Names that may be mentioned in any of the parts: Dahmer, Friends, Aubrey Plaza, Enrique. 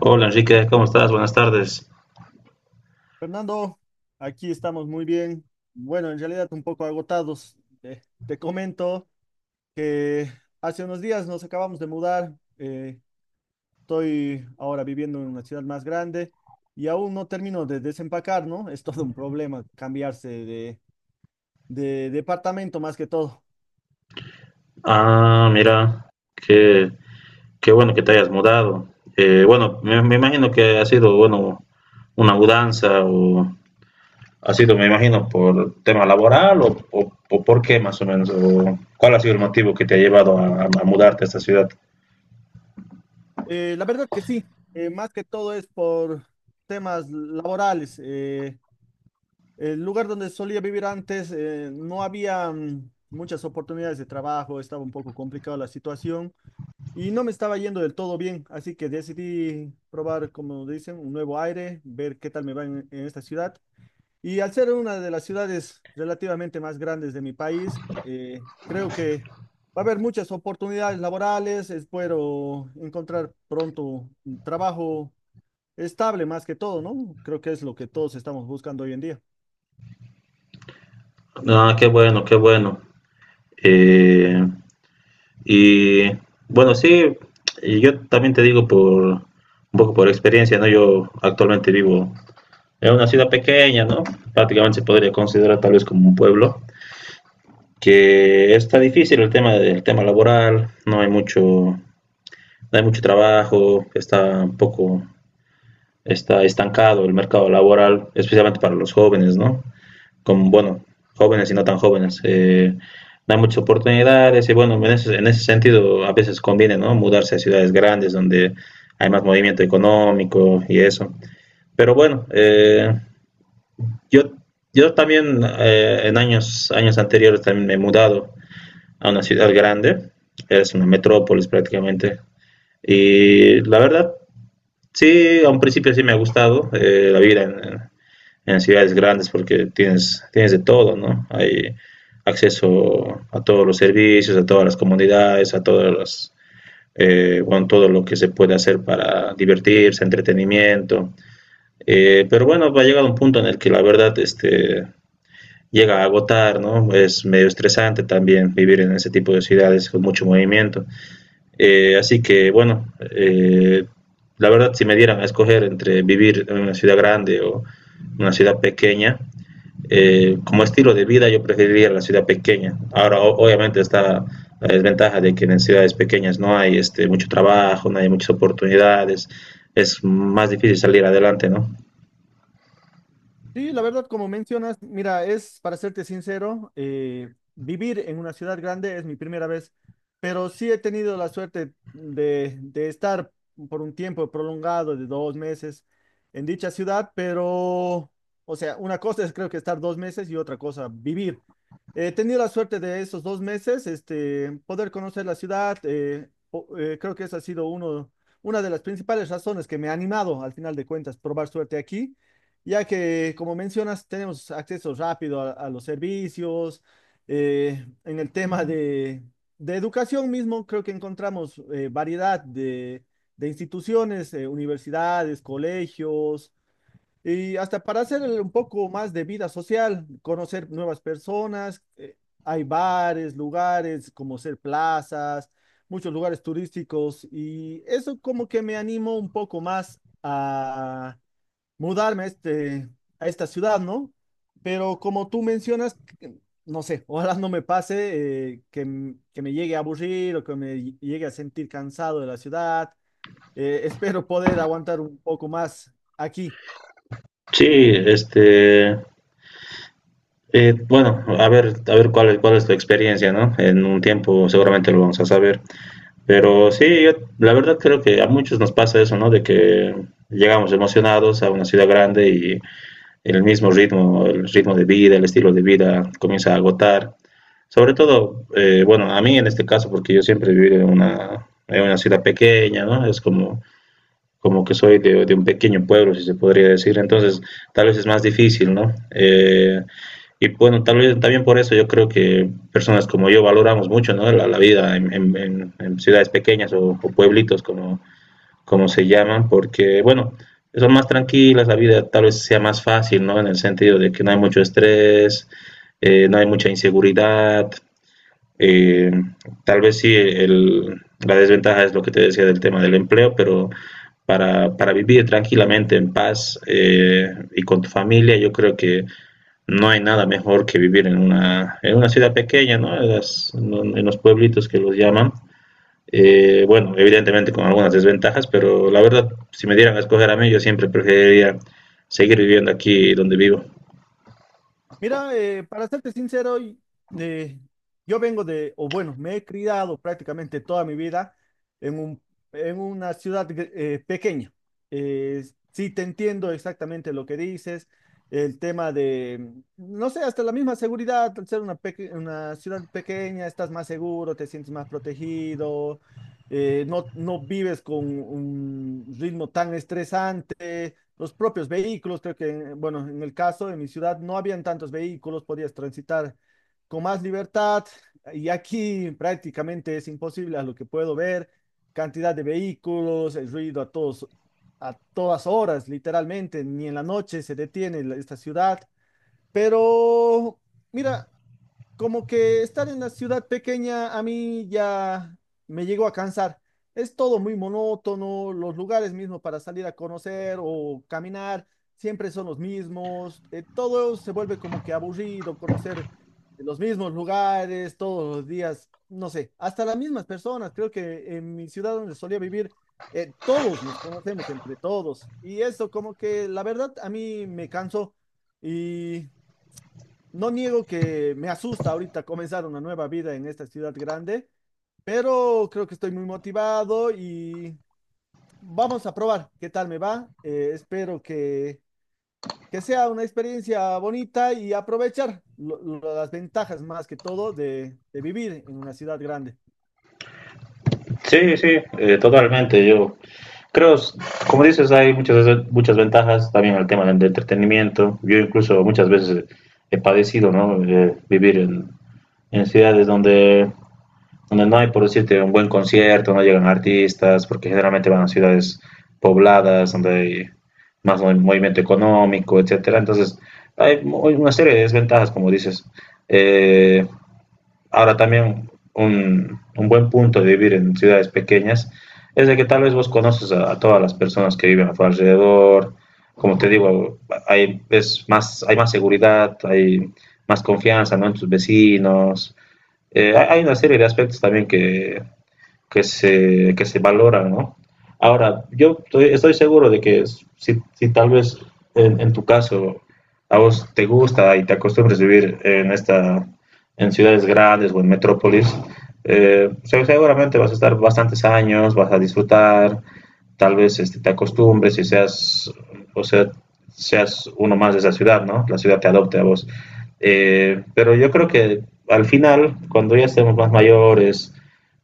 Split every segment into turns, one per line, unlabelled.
Hola Enrique, ¿cómo estás? Buenas tardes.
Fernando, aquí estamos muy bien. Bueno, en realidad un poco agotados. Eh, Te comento que hace unos días nos acabamos de mudar. Estoy ahora viviendo en una ciudad más grande y aún no termino de desempacar, ¿no? Es todo un problema cambiarse de departamento más que todo.
Ah, mira, qué bueno que te hayas mudado. Bueno, me imagino que ha sido, bueno, una mudanza o ha sido, me imagino, por tema laboral o por qué más o menos, o cuál ha sido el motivo que te ha llevado a mudarte a esta ciudad.
La verdad que sí, más que todo es por temas laborales. El lugar donde solía vivir antes, no había muchas oportunidades de trabajo, estaba un poco complicada la situación y no me estaba yendo del todo bien, así que decidí probar, como dicen, un nuevo aire, ver qué tal me va en esta ciudad. Y al ser una de las ciudades relativamente más grandes de mi país, creo que va a haber muchas oportunidades laborales, espero encontrar pronto un trabajo estable más que todo, ¿no? Creo que es lo que todos estamos buscando hoy en día.
Ah, qué bueno, qué bueno. Eh, y bueno, sí, y yo también te digo por un poco por experiencia, ¿no? Yo actualmente vivo. Es una ciudad pequeña, ¿no? Prácticamente se podría considerar tal vez como un pueblo, que está difícil el tema del tema laboral, no hay mucho, no hay mucho trabajo, está un poco, está estancado el mercado laboral, especialmente para los jóvenes, ¿no? Como, bueno, jóvenes y no tan jóvenes. No hay muchas oportunidades y bueno, en ese sentido a veces conviene, ¿no? Mudarse a ciudades grandes donde hay más movimiento económico y eso. Pero bueno, Yo, yo también en años, años anteriores también me he mudado a una ciudad grande, es una metrópolis prácticamente. Y la verdad, sí, a un principio sí me ha gustado la vida en ciudades grandes porque tienes, tienes de todo, ¿no? Hay acceso a todos los servicios, a todas las comunidades, a todas las, bueno, todo lo que se puede hacer para divertirse, entretenimiento. Pero bueno, va a llegar un punto en el que la verdad este, llega a agotar, ¿no? Es medio estresante también vivir en ese tipo de ciudades con mucho movimiento. Así que, bueno, eh, la verdad, si me dieran a escoger entre vivir en una ciudad grande o una ciudad pequeña, como estilo de vida yo preferiría la ciudad pequeña. Ahora, obviamente, está la desventaja de que en ciudades pequeñas no hay este, mucho trabajo, no hay muchas oportunidades, es más difícil salir adelante, ¿no?
Sí, la verdad, como mencionas, mira, es para serte sincero, vivir en una ciudad grande es mi primera vez, pero sí he tenido la suerte de estar por un tiempo prolongado de 2 meses en dicha ciudad, pero, o sea, una cosa es creo que estar 2 meses y otra cosa vivir. He tenido la suerte de esos 2 meses, este, poder conocer la ciudad, creo que esa ha sido una de las principales razones que me ha animado, al final de cuentas, probar suerte aquí ya que, como mencionas, tenemos acceso rápido a los servicios. En el tema de educación mismo, creo que encontramos variedad de instituciones, universidades, colegios, y hasta para hacer un poco más de vida social, conocer nuevas personas. Hay bares, lugares como ser plazas, muchos lugares turísticos, y eso como que me animó un poco más a mudarme a esta ciudad, ¿no? Pero como tú mencionas, no sé, ojalá no me pase que me llegue a aburrir o que me llegue a sentir cansado de la ciudad. Espero poder aguantar un poco más aquí.
Sí, este, bueno, a ver cuál es tu experiencia, ¿no? En un tiempo seguramente lo vamos a saber. Pero sí, yo la verdad creo que a muchos nos pasa eso, ¿no? De que llegamos emocionados a una ciudad grande y el mismo ritmo, el ritmo de vida, el estilo de vida comienza a agotar. Sobre todo, bueno, a mí en este caso, porque yo siempre he vivido en una ciudad pequeña, ¿no? Es como como que soy un pequeño pueblo, si se podría decir, entonces tal vez es más difícil, ¿no? Y bueno, tal vez también por eso yo creo que personas como yo valoramos mucho, ¿no?, vida en ciudades pequeñas o pueblitos, como, como se llaman, porque, bueno, son más tranquilas, la vida tal vez sea más fácil, ¿no? En el sentido de que no hay mucho estrés, no hay mucha inseguridad, eh, tal vez sí, la desventaja es lo que te decía del tema del empleo, pero para vivir tranquilamente, en paz y con tu familia, yo creo que no hay nada mejor que vivir en una ciudad pequeña, ¿no? En, las- ¿no? en los pueblitos que los llaman. Bueno, evidentemente con algunas desventajas, pero la verdad, si me dieran a escoger a mí, yo siempre preferiría seguir viviendo aquí donde vivo.
Mira, para serte sincero, eh, yo vengo de, o bueno, me he criado prácticamente toda mi vida en un, en una ciudad pequeña. Eh, sí te entiendo exactamente lo que dices, el tema de, no sé, hasta la misma seguridad, al ser una ciudad pequeña, estás más seguro, te sientes más protegido, no vives con un ritmo tan estresante los propios vehículos. Creo que, bueno, en el caso de mi ciudad no habían tantos vehículos, podías transitar con más libertad y aquí prácticamente es imposible a lo que puedo ver, cantidad de vehículos, el ruido a todas horas, literalmente, ni en la noche se detiene esta ciudad, pero mira, como que estar en la ciudad pequeña a mí ya me llegó a cansar. Es todo muy monótono, los lugares mismos para salir a conocer o caminar siempre son los mismos, todo se vuelve como que aburrido, conocer los mismos lugares todos los días, no sé, hasta las mismas personas. Creo que en mi ciudad donde solía vivir, todos nos conocemos entre todos y eso como que la verdad a mí me cansó. Y no niego que me asusta ahorita comenzar una nueva vida en esta ciudad grande, pero creo que estoy muy motivado y vamos a probar qué tal me va. Espero que sea una experiencia bonita y aprovechar las ventajas más que todo de vivir en una ciudad grande.
Sí, sí, totalmente. Yo creo, como dices, hay muchas, muchas ventajas también al tema del entretenimiento. Yo incluso muchas veces he padecido, ¿no? Vivir en ciudades donde, donde no hay, por decirte, un buen concierto, no llegan artistas, porque generalmente van a ciudades pobladas, donde hay movimiento económico, etcétera. Entonces, una serie de desventajas, como dices. Eh, Ahora también un buen punto de vivir en ciudades pequeñas es de que tal vez vos conoces a todas las personas que viven a tu alrededor. Como te digo, hay, es más, hay más seguridad, hay más confianza, ¿no?, en tus vecinos. Hay, hay una serie de aspectos también que se valoran, ¿no? Ahora, yo estoy, estoy seguro de que si tal vez tu caso a vos te gusta y te acostumbres a vivir en ciudades grandes o en metrópolis, seguramente vas a estar bastantes años, vas a disfrutar, tal vez este, te acostumbres y seas, o sea, seas uno más de esa ciudad, ¿no? La ciudad te adopte a vos. Pero yo creo que al final, cuando ya estemos más mayores,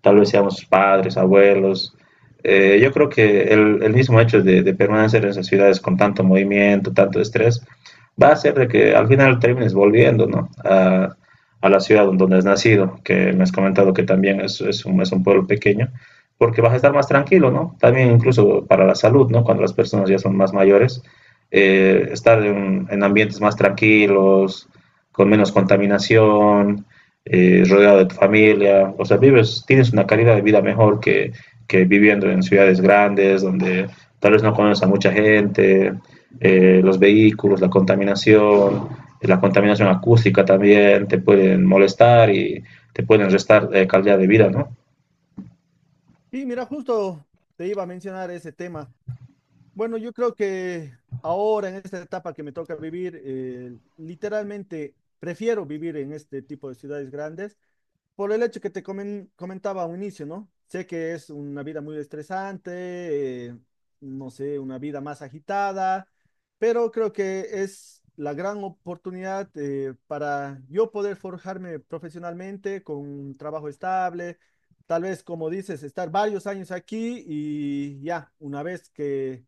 tal vez seamos padres, abuelos. Yo creo que el mismo hecho permanecer en esas ciudades con tanto movimiento, tanto estrés, va a hacer de que al final termines volviendo, ¿no?, a la ciudad donde has nacido, que me has comentado que también es un pueblo pequeño, porque vas a estar más tranquilo, ¿no? También incluso para la salud, ¿no? Cuando las personas ya son más mayores, estar ambientes más tranquilos, con menos contaminación, rodeado de tu familia, o sea, vives, tienes una calidad de vida mejor que viviendo en ciudades grandes donde tal vez no conoces a mucha gente, los vehículos, la contaminación acústica también te pueden molestar y te pueden restar calidad de vida, ¿no?
Y mira, justo te iba a mencionar ese tema. Bueno, yo creo que ahora en esta etapa que me toca vivir, literalmente prefiero vivir en este tipo de ciudades grandes por el hecho que te comentaba a un inicio, ¿no? Sé que es una vida muy estresante, no sé, una vida más agitada, pero creo que es la gran oportunidad para yo poder forjarme profesionalmente con un trabajo estable, tal vez, como dices, estar varios años aquí y ya, una vez que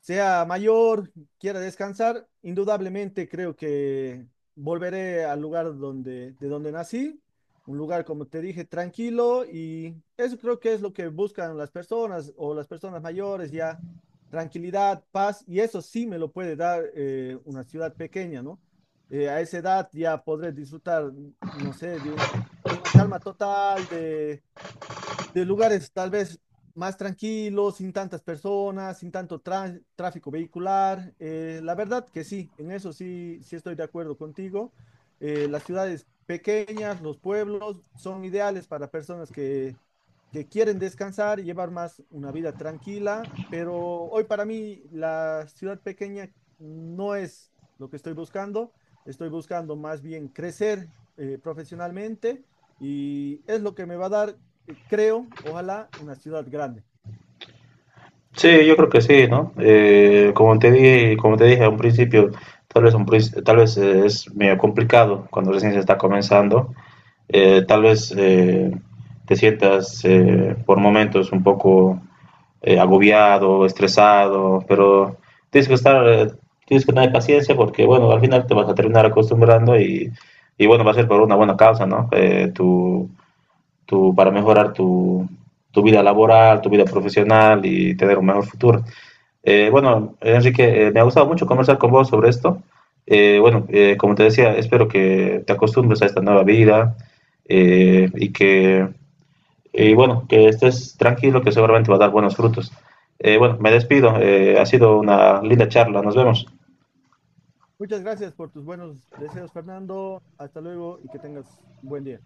sea mayor, quiera descansar, indudablemente creo que volveré al lugar donde, de donde nací, un lugar, como te dije, tranquilo y eso creo que es lo que buscan las personas o las personas mayores ya, tranquilidad, paz y eso sí me lo puede dar una ciudad pequeña, ¿no? A esa edad ya podré disfrutar, no sé, de una calma total, de lugares tal vez más tranquilos, sin tantas personas, sin tanto tráfico vehicular. La verdad que sí, en eso sí estoy de acuerdo contigo. Las ciudades pequeñas, los pueblos son ideales para personas que quieren descansar y llevar más una vida tranquila, pero hoy para mí la ciudad pequeña no es lo que estoy buscando. Estoy buscando más bien crecer profesionalmente y es lo que me va a dar creo, ojalá, una ciudad grande.
Sí, yo creo que sí, ¿no? Como te dije a un principio, tal vez, tal vez es medio complicado cuando recién se está comenzando, tal vez te sientas por momentos un poco agobiado, estresado, pero tienes que estar, eh, tienes que tener paciencia porque, bueno, al final te vas a terminar acostumbrando y bueno, va a ser por una buena causa, ¿no? Para mejorar tu, tu vida laboral, tu vida profesional y tener un mejor futuro. Bueno, Enrique, me ha gustado mucho conversar con vos sobre esto. Bueno, como te decía, espero que te acostumbres a esta nueva vida eh, y que, y bueno, que estés tranquilo, que seguramente va a dar buenos frutos. Bueno, me despido. Ha sido una linda charla. Nos vemos.
Muchas gracias por tus buenos deseos, Fernando. Hasta luego y que tengas un buen día.